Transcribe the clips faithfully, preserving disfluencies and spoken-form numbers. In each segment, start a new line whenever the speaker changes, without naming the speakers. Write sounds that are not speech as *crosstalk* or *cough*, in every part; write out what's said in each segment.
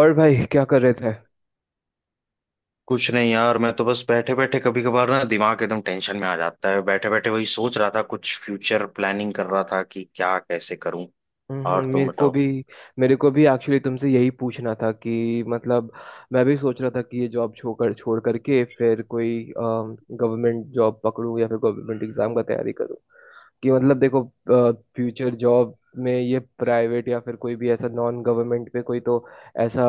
और भाई क्या कर रहे थे?
कुछ नहीं यार, मैं तो बस बैठे बैठे कभी कभार ना दिमाग एकदम टेंशन में आ जाता है। बैठे बैठे वही सोच रहा था, कुछ फ्यूचर प्लानिंग कर रहा था कि क्या, कैसे करूं।
हम्म,
और तुम
मेरे को
बताओ।
भी। मेरे को भी एक्चुअली तुमसे यही पूछना था कि मतलब, मैं भी सोच रहा था कि ये जॉब छोड़ छोड़ करके फिर कोई गवर्नमेंट जॉब पकड़ूं या फिर गवर्नमेंट एग्जाम का तैयारी करूं। कि मतलब देखो, फ्यूचर जॉब में ये प्राइवेट या फिर कोई भी ऐसा नॉन गवर्नमेंट पे कोई तो ऐसा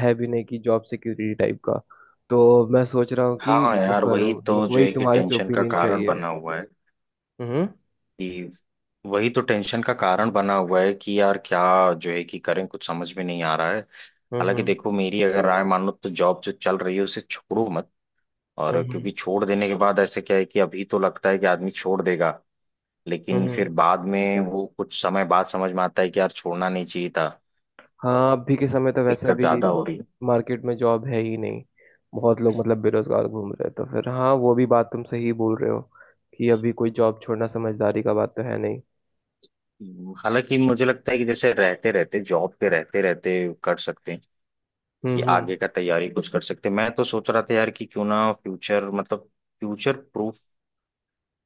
है भी नहीं कि जॉब सिक्योरिटी टाइप का। तो मैं सोच रहा हूँ कि
हाँ
वो
यार,
करूँ।
वही
मेरे
तो
को
जो
वही
है कि
तुम्हारे से
टेंशन का
ओपिनियन
कारण
चाहिए।
बना हुआ है
हम्म
कि वही तो टेंशन का कारण बना हुआ है कि यार क्या जो है कि करें, कुछ समझ में नहीं आ रहा है।
हम्म।
हालांकि
हम्म
देखो, मेरी अगर राय मानो तो जॉब जो चल रही है उसे छोड़ो मत। और
हम्म।
क्योंकि छोड़ देने के बाद ऐसे क्या है कि अभी तो लगता है कि आदमी छोड़ देगा, लेकिन
हम्म।
फिर बाद में वो कुछ समय बाद समझ में आता है कि यार छोड़ना नहीं चाहिए था। और
हाँ, अभी के समय तो वैसे
दिक्कत
भी
ज्यादा हो रही है।
मार्केट में जॉब है ही नहीं। बहुत लोग मतलब बेरोजगार घूम रहे हैं, तो फिर हाँ, वो भी बात तुम सही बोल रहे हो कि अभी कोई जॉब छोड़ना समझदारी का बात तो है नहीं।
हम्म। हालांकि मुझे लगता है कि जैसे रहते रहते, जॉब पे रहते रहते कर सकते हैं
हम्म
कि आगे
हम्म।
का तैयारी कुछ कर सकते हैं। मैं तो सोच रहा था यार कि क्यों ना फ्यूचर मतलब फ्यूचर प्रूफ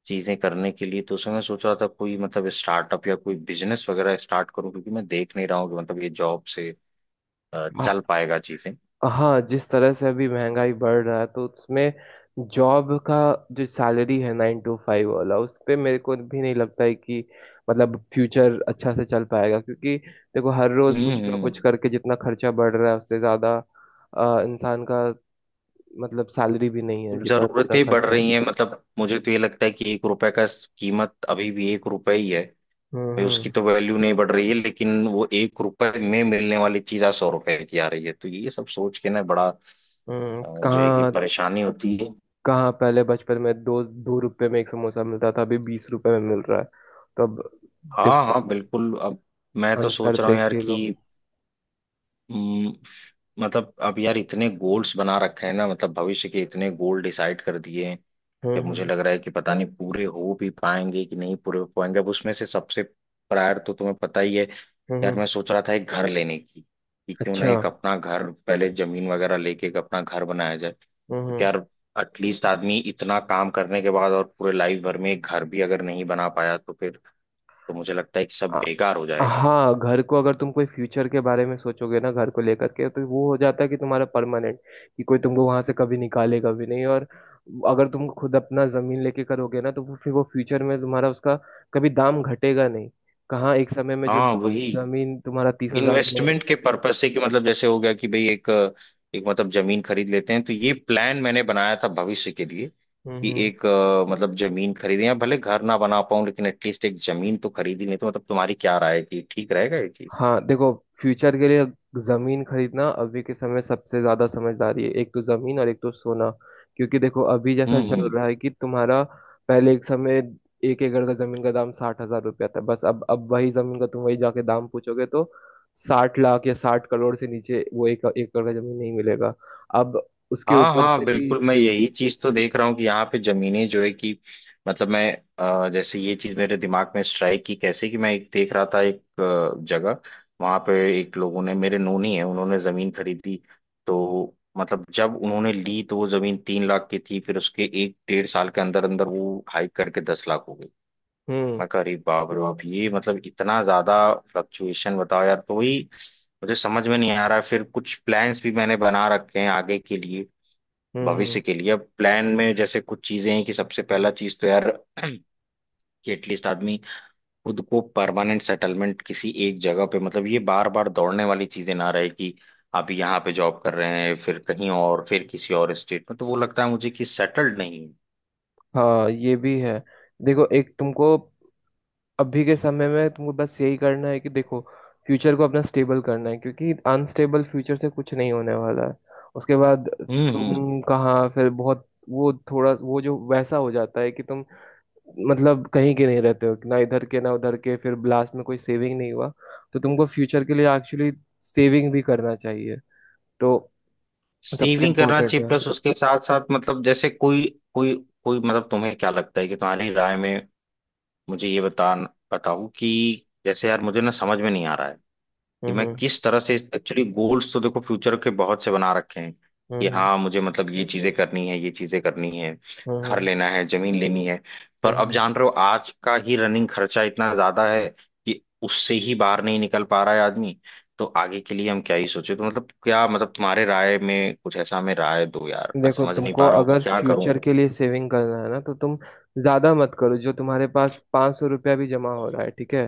चीजें करने के लिए, तो उसमें मैं सोच रहा था कोई मतलब स्टार्टअप या कोई बिजनेस वगैरह स्टार्ट करूं, क्योंकि मैं देख नहीं रहा हूँ कि मतलब ये जॉब से अ,
हाँ।
चल पाएगा चीजें।
हाँ, जिस तरह से अभी महंगाई बढ़ रहा है तो उसमें जॉब का जो सैलरी है नाइन टू फाइव वाला उस पे मेरे को भी नहीं लगता है कि मतलब फ्यूचर अच्छा से चल पाएगा। क्योंकि देखो, हर रोज
हम्म
कुछ ना कुछ
हम्म।
करके जितना खर्चा बढ़ रहा है उससे ज्यादा अ, इंसान का मतलब सैलरी भी नहीं है, जितना ज्यादा
जरूरतें बढ़
खर्च है।
रही हैं, मतलब मुझे तो ये लगता है कि एक रुपए का कीमत अभी भी एक रुपए ही है
हम्म
भाई। उसकी
हम्म
तो वैल्यू नहीं बढ़ रही है, लेकिन वो एक रुपए में मिलने वाली चीज आज सौ रुपए की आ रही है। तो ये सब सोच के ना बड़ा अ,
हम्म।
जो है कि
कहाँ
परेशानी होती है।
कहाँ, पहले बचपन में दो दो रुपए में एक समोसा मिलता था, अभी बीस रुपए में मिल रहा है। तो अब डिफ
हाँ हाँ, बिल्कुल। अब मैं तो
अंतर
सोच रहा हूँ
देख
यार
ही लो।
कि हम्म, मतलब अब यार इतने गोल्स बना रखे हैं ना, मतलब भविष्य के इतने गोल डिसाइड कर दिए हैं,
हम्म
जब मुझे
हम्म
लग रहा है कि पता नहीं पूरे हो भी पाएंगे कि नहीं पूरे हो पाएंगे। अब उसमें से सबसे प्रायर तो तुम्हें पता ही है, यार
हम्म।
मैं सोच रहा था एक घर लेने की कि क्यों ना
अच्छा।
एक अपना घर पहले, जमीन वगैरह लेके एक अपना घर बनाया जाए। क्योंकि
हम्म।
यार एटलीस्ट आदमी इतना काम करने के बाद और पूरे लाइफ भर में एक घर भी अगर नहीं बना पाया तो फिर तो मुझे लगता है कि सब
आ-
बेकार हो जाएगा।
हाँ, घर को अगर तुम कोई फ्यूचर के बारे में सोचोगे ना, घर को लेकर के, तो वो हो जाता है कि तुम्हारा परमानेंट, कि कोई तुमको वहां से कभी निकालेगा भी नहीं। और अगर तुम खुद अपना जमीन लेके करोगे ना, तो वो फिर वो फ्यूचर में तुम्हारा उसका कभी दाम घटेगा नहीं। कहाँ एक समय में जो
हाँ वही,
जमीन तुम्हारा तीस हजार में,
इन्वेस्टमेंट के पर्पज से कि मतलब जैसे हो गया कि भाई एक एक मतलब जमीन खरीद लेते हैं, तो ये प्लान मैंने बनाया था भविष्य के लिए कि
हम्म।
एक अ, मतलब जमीन खरीदें, या भले घर ना बना पाऊं लेकिन एटलीस्ट एक जमीन तो खरीदी। नहीं तो मतलब, तुम्हारी क्या राय है कि ठीक रहेगा ये चीज?
हाँ देखो, फ्यूचर के लिए जमीन खरीदना अभी के समय सबसे ज्यादा समझदारी है। एक तो जमीन और एक तो सोना, क्योंकि देखो अभी जैसा
हम्म
चल
हम्म।
रहा है कि तुम्हारा पहले एक समय एक एकड़ का जमीन का दाम साठ हजार रुपया था बस। अब अब वही जमीन का तुम वही जाके दाम पूछोगे तो साठ लाख या साठ करोड़ से नीचे वो एक एकड़ का जमीन नहीं मिलेगा। अब उसके
हाँ और
ऊपर
हाँ,
से भी,
बिल्कुल मैं यही चीज तो देख रहा हूँ कि यहाँ पे जमीनें जो है कि मतलब मैं अ, जैसे ये चीज मेरे दिमाग में स्ट्राइक की कैसे कि मैं एक देख रहा था एक अ, जगह। वहां पे एक लोगों ने, मेरे नोनी है, उन्होंने जमीन खरीदी। तो मतलब जब उन्होंने ली तो वो जमीन तीन लाख की थी, फिर उसके एक डेढ़ साल के अंदर अंदर वो हाइक करके दस लाख हो गई।
हम्म
मैं कह रही बाप रे बाप ये मतलब इतना ज्यादा फ्लक्चुएशन, बताओ यार। तो ही मुझे समझ में नहीं आ रहा है। फिर कुछ प्लान्स भी मैंने बना रखे हैं आगे के लिए,
हम्म हम्म।
भविष्य के लिए। अब प्लान में जैसे कुछ चीजें हैं कि सबसे पहला चीज तो यार *clears throat* कि एटलीस्ट आदमी खुद को परमानेंट सेटलमेंट किसी एक जगह पे, मतलब ये बार बार दौड़ने वाली चीजें ना रहे कि आप यहाँ पे जॉब कर रहे हैं फिर कहीं और, फिर किसी और स्टेट में, तो वो लगता है मुझे कि सेटल्ड नहीं है।
हाँ ये भी है। देखो एक तुमको अभी के समय में तुमको बस यही करना है कि देखो, फ्यूचर को अपना स्टेबल करना है, क्योंकि अनस्टेबल फ्यूचर से कुछ नहीं होने वाला है। उसके बाद
हम्म हम्म।
तुम कहाँ फिर बहुत वो थोड़ा वो जो वैसा हो जाता है कि तुम मतलब कहीं के नहीं रहते हो ना, इधर के ना उधर के, फिर लास्ट में कोई सेविंग नहीं हुआ। तो तुमको फ्यूचर के लिए एक्चुअली सेविंग भी करना चाहिए, तो सबसे
सेविंग करना
इम्पोर्टेंट
चाहिए
है।
प्लस उसके साथ साथ, मतलब जैसे कोई कोई कोई मतलब तुम्हें क्या लगता है कि तुम्हारी राय में मुझे ये बता बताओ कि जैसे यार, मुझे ना समझ में नहीं आ रहा है कि
हम्म
मैं
हम्म
किस तरह से एक्चुअली गोल्स तो देखो फ्यूचर के बहुत से बना रखे हैं कि
हम्म।
हाँ, मुझे मतलब ये चीजें करनी है, ये चीजें करनी है,
हम्म
घर
हम्म।
लेना है, जमीन लेनी है।
हम्म,
पर अब
हम्म।
जान रहे हो आज का ही रनिंग खर्चा इतना ज्यादा है कि उससे ही बाहर नहीं निकल पा रहा है आदमी, तो आगे के लिए हम क्या ही सोचे। तो मतलब क्या, मतलब तुम्हारे राय में कुछ ऐसा हमें राय दो यार, मैं
देखो,
समझ नहीं
तुमको
पा रहा हूँ कि
अगर
क्या करूँ।
फ्यूचर के लिए सेविंग करना है ना, तो तुम ज्यादा मत करो। जो तुम्हारे पास पाँच सौ रुपया भी जमा हो रहा है ठीक है,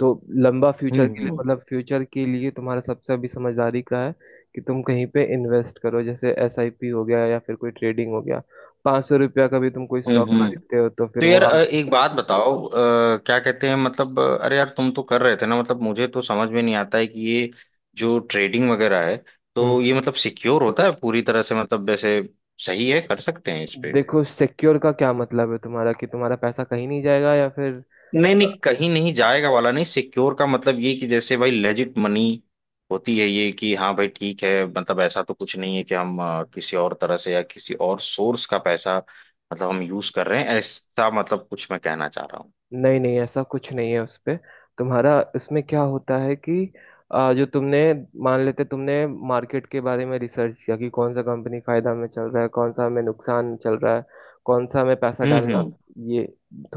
तो लंबा फ्यूचर के लिए,
हम्म
मतलब फ्यूचर के लिए तुम्हारा सबसे अभी समझदारी का है कि तुम कहीं पे इन्वेस्ट करो, जैसे एस आई पी हो गया या फिर कोई ट्रेडिंग हो गया। पाँच सौ रुपया का भी तुम कोई स्टॉक
हम्म।
खरीदते हो तो फिर
तो
वो
यार अ,
आगे,
एक बात बताओ अ, क्या कहते हैं मतलब अ, अरे यार, तुम तो कर रहे थे ना मतलब, मुझे तो समझ में नहीं आता है कि ये जो ट्रेडिंग वगैरह है,
हम्म।
तो ये मतलब सिक्योर होता है पूरी तरह से, मतलब जैसे सही है, कर सकते हैं इस पे?
देखो सिक्योर का क्या मतलब है तुम्हारा, कि तुम्हारा पैसा कहीं नहीं जाएगा या फिर?
नहीं नहीं, कहीं नहीं जाएगा वाला नहीं, सिक्योर का मतलब ये कि जैसे भाई लेजिट मनी होती है ये, कि हाँ भाई ठीक है, मतलब ऐसा तो कुछ नहीं है कि हम अ, किसी और तरह से या किसी और सोर्स का पैसा मतलब हम यूज कर रहे हैं ऐसा, मतलब कुछ मैं कहना चाह रहा हूँ।
नहीं नहीं, ऐसा कुछ नहीं है उस पे। तुम्हारा इसमें क्या होता है कि आ, जो तुमने, मान लेते तुमने मार्केट के बारे में रिसर्च किया कि कौन सा कंपनी फायदा में चल रहा है, कौन सा हमें नुकसान चल रहा है, कौन सा हमें पैसा
हम्म
डालना,
हम्म
ये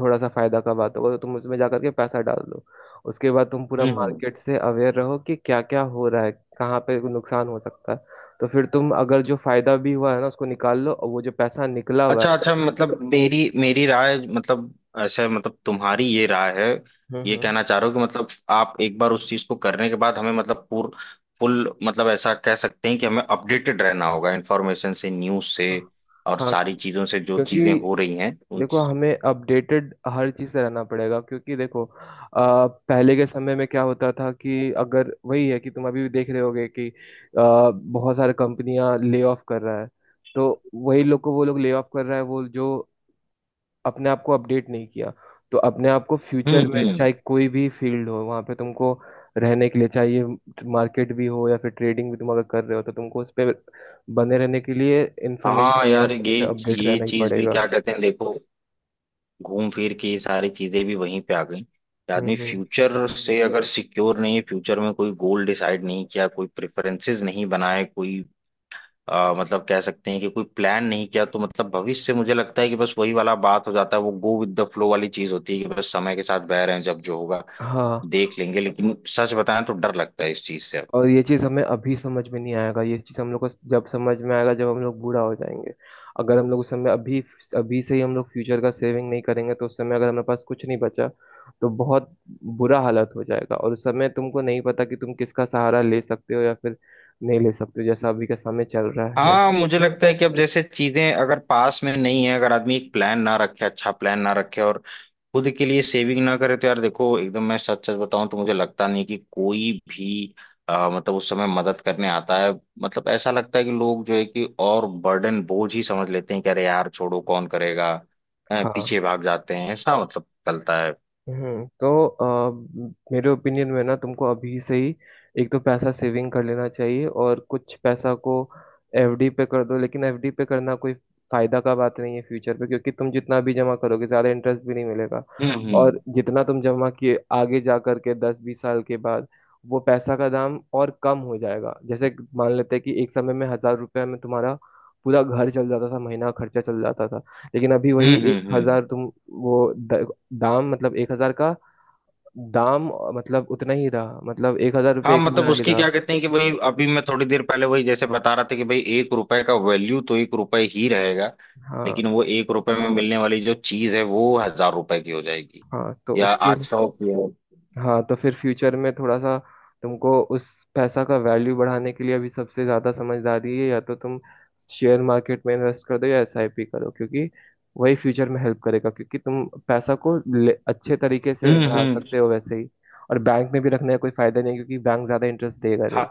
थोड़ा सा फायदा का बात होगा, तो तुम उसमें जा करके पैसा डाल दो। उसके बाद तुम पूरा
हम्म हम्म।
मार्केट से अवेयर रहो कि क्या क्या हो रहा है, कहाँ पे नुकसान हो सकता है। तो फिर तुम अगर जो फायदा भी हुआ है ना उसको निकाल लो, और वो जो पैसा निकला हुआ
अच्छा
है,
अच्छा, मतलब मेरी मेरी राय मतलब ऐसे, मतलब तुम्हारी ये राय है,
हम्म
ये
हम्म।
कहना चाह रहे हो कि मतलब आप एक बार उस चीज को करने के बाद हमें मतलब पूर फुल मतलब ऐसा कह सकते हैं कि हमें अपडेटेड रहना होगा इन्फॉर्मेशन से, न्यूज से और
हाँ,
सारी चीजों से, जो चीजें
क्योंकि
हो रही हैं उन।
देखो हमें अपडेटेड हर चीज से रहना पड़ेगा, क्योंकि देखो अ, पहले के समय में क्या होता था कि अगर वही है कि तुम अभी भी देख रहे होगे कि अ, बहुत सारी कंपनियां ले ऑफ कर रहा है। तो वही लोग को वो लोग ले ऑफ कर रहा है, वो जो अपने आप को अपडेट नहीं किया। तो अपने आप को
हम्म
फ्यूचर में
हम्म।
चाहे कोई भी फील्ड हो, वहां पे तुमको रहने के लिए चाहिए। मार्केट भी हो या फिर ट्रेडिंग भी तुम अगर कर रहे हो, तो तुमको उस पर बने रहने के लिए इंफॉर्मेशन
हाँ
और
यार, ये
उससे अपडेट
ये
रहना ही
चीज भी
पड़ेगा।
क्या कहते हैं देखो, घूम फिर के ये सारी चीजें भी वहीं पे आ गई कि
हम्म
आदमी
हम्म।
फ्यूचर से अगर सिक्योर नहीं है, फ्यूचर में कोई गोल डिसाइड नहीं किया, कोई प्रेफरेंसेस नहीं बनाए, कोई आ, मतलब कह सकते हैं कि कोई प्लान नहीं किया, तो मतलब भविष्य से मुझे लगता है कि बस वही वाला बात हो जाता है, वो गो विद द फ्लो वाली चीज होती है कि बस समय के साथ बह रहे हैं, जब जो होगा
हाँ।
देख लेंगे। लेकिन सच बताएं तो डर लगता है इस चीज से अब।
और ये चीज हमें अभी समझ में नहीं आएगा, ये चीज हम लोग को जब समझ में आएगा जब हम लोग बूढ़ा हो जाएंगे। अगर हम लोग उस समय, अभी अभी से ही हम लोग फ्यूचर का सेविंग नहीं करेंगे तो उस समय अगर हमारे पास कुछ नहीं बचा, तो बहुत बुरा हालत हो जाएगा। और उस समय तुमको नहीं पता कि तुम किसका सहारा ले सकते हो या फिर नहीं ले सकते हो, जैसा अभी का समय चल रहा है।
हाँ, मुझे लगता है कि अब जैसे चीजें अगर पास में नहीं है, अगर आदमी एक प्लान ना रखे, अच्छा प्लान ना रखे और खुद के लिए सेविंग ना करे, तो यार देखो एकदम मैं सच सच बताऊं तो मुझे लगता नहीं कि कोई भी आ, मतलब उस समय मदद करने आता है। मतलब ऐसा लगता है कि लोग जो है कि और बर्डन, बोझ ही समझ लेते हैं कि अरे यार छोड़ो, कौन करेगा, अ,
हाँ।
पीछे भाग जाते हैं, ऐसा मतलब चलता है।
हम्म, तो अ, मेरे ओपिनियन में ना, तुमको अभी से ही एक तो पैसा सेविंग कर लेना चाहिए, और कुछ पैसा को एफ डी पे कर दो। लेकिन एफ डी पे करना कोई फायदा का बात नहीं है फ्यूचर पे, क्योंकि तुम जितना भी जमा करोगे ज्यादा इंटरेस्ट भी नहीं मिलेगा।
हम्म
और
हम्म
जितना तुम जमा किए आगे जा करके दस बीस साल के बाद, वो पैसा का दाम और कम हो जाएगा। जैसे मान लेते हैं कि एक समय में हजार रुपये में तुम्हारा पूरा घर चल जाता था, महीना का खर्चा चल जाता था। लेकिन अभी वही
हम्म
एक
हम्म हम्म।
हजार तुम, वो दाम मतलब एक हजार का दाम मतलब उतना ही रहा, मतलब एक हजार
हाँ,
रुपये एक
मतलब
हजार ही
उसकी
रहा।
क्या कहते हैं कि भाई अभी मैं थोड़ी देर पहले वही जैसे बता रहा था कि भाई एक रुपए का वैल्यू तो एक रुपए ही रहेगा,
हाँ।
लेकिन वो एक रुपए में मिलने वाली जो चीज है वो हजार रुपए की हो जाएगी,
हाँ तो
या
उसके
आठ
लिए,
सौ की हो।
हाँ तो फिर फ्यूचर में थोड़ा सा तुमको उस पैसा का वैल्यू बढ़ाने के लिए अभी सबसे ज़्यादा समझदारी है, या तो तुम शेयर मार्केट में इन्वेस्ट कर दो या एस आई पी करो, क्योंकि वही फ्यूचर में हेल्प करेगा। क्योंकि तुम पैसा को ले, अच्छे तरीके से
हम्म
बढ़ा
हम्म।
सकते हो वैसे ही। और बैंक में भी रखने का कोई फायदा नहीं, क्योंकि बैंक ज़्यादा इंटरेस्ट देगा
हाँ।
नहीं।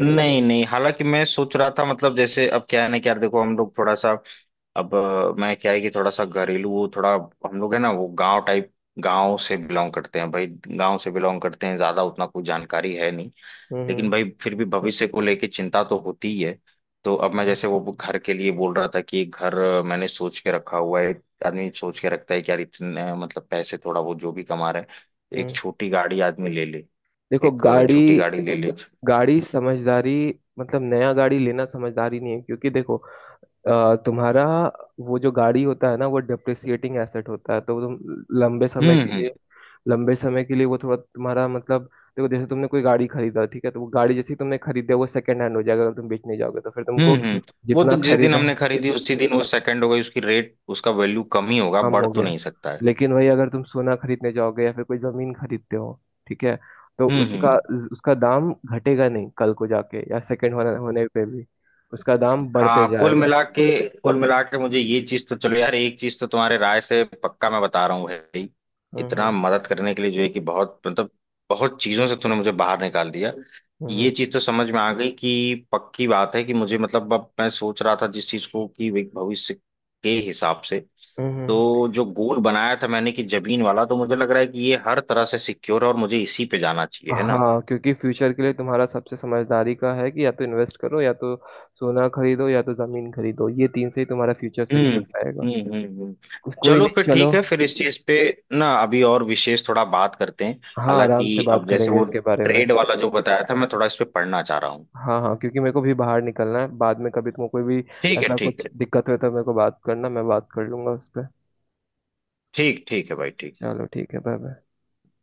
नहीं नहीं, हालांकि मैं सोच रहा था मतलब जैसे अब क्या है ना कि यार देखो, हम लोग थोड़ा सा अब अ, मैं क्या है कि थोड़ा सा घरेलू वो थोड़ा, हम लोग है ना वो गांव टाइप, गांव से बिलोंग करते हैं भाई, गांव से बिलोंग करते हैं, ज्यादा उतना कुछ जानकारी है नहीं।
हम्म
लेकिन
हम्म,
भाई, फिर भी भविष्य को लेके चिंता तो होती ही है। तो अब मैं
हम्म।
जैसे वो घर के लिए बोल रहा था कि एक घर अ, मैंने सोच के रखा हुआ है। आदमी सोच के रखता है कि यार इतने अ, मतलब पैसे थोड़ा वो जो भी कमा रहे हैं, एक
हम्म।
छोटी गाड़ी आदमी ले ले,
देखो
एक अ,
गाड़ी,
छोटी गाड़ी ले ले।
गाड़ी समझदारी, मतलब नया गाड़ी लेना समझदारी नहीं है, क्योंकि देखो अ, तुम्हारा वो जो गाड़ी होता है ना, वो डिप्रिसिएटिंग एसेट होता है। तो तुम लंबे समय
हम्म
के
हम्म
लिए लंबे समय के लिए वो थोड़ा तुम्हारा मतलब, देखो जैसे तुमने कोई गाड़ी खरीदा ठीक है, तो वो गाड़ी जैसी तुमने खरीदा वो सेकंड हैंड हो जाएगा। अगर तुम बेचने जाओगे तो फिर
हम्म
तुमको
हम्म। वो तो
जितना
जिस दिन
खरीदा
हमने खरीदी उसी दिन वो सेकंड हो गई, उसकी रेट, उसका वैल्यू कम ही होगा,
कम
बढ़
हो
तो
गया।
नहीं सकता है।
लेकिन वही अगर तुम सोना खरीदने जाओगे या फिर कोई जमीन खरीदते हो, ठीक है, तो
हम्म
उसका,
हम्म।
उसका दाम घटेगा नहीं कल को जाके, या सेकंड होने होने पे भी उसका दाम बढ़ते
हाँ कुल
जाएगा।
मिला के, कुल मिला के मुझे ये चीज तो चलो यार, एक चीज तो तुम्हारे राय से पक्का मैं बता रहा हूँ भाई। इतना
हम्म
मदद करने के लिए जो है कि बहुत, मतलब बहुत चीजों से तूने मुझे बाहर निकाल दिया। ये
हम्म
चीज तो समझ में आ गई कि पक्की बात है कि मुझे, मतलब अब मैं सोच रहा था जिस चीज को, कि वे भविष्य के हिसाब से,
हम्म।
तो जो गोल बनाया था मैंने कि जमीन वाला, तो मुझे लग रहा है कि ये हर तरह से सिक्योर है और मुझे इसी पे जाना चाहिए, है ना?
हाँ, क्योंकि फ्यूचर के लिए तुम्हारा सबसे समझदारी का है कि या तो इन्वेस्ट करो, या तो सोना खरीदो, या तो जमीन खरीदो। ये तीन से ही तुम्हारा फ्यूचर
हम्म
सिक्योर रहेगा।
हम्म हम्म हम्म।
कोई
चलो फिर
नहीं, चलो।
ठीक है, फिर इस चीज पे ना अभी और विशेष थोड़ा बात करते हैं।
हाँ, आराम से
हालांकि
बात
अब जैसे
करेंगे
वो
इसके बारे में।
ट्रेड वाला जो बताया था, मैं थोड़ा इस पे पढ़ना चाह रहा हूँ।
हाँ हाँ, क्योंकि मेरे को भी बाहर निकलना है। बाद में कभी तुमको कोई भी
ठीक है,
ऐसा
ठीक
कुछ
है।
दिक्कत हो तो मेरे को बात करना, मैं बात कर लूंगा उस पर।
ठीक ठीक है भाई, ठीक है।
चलो ठीक है, बाय बाय।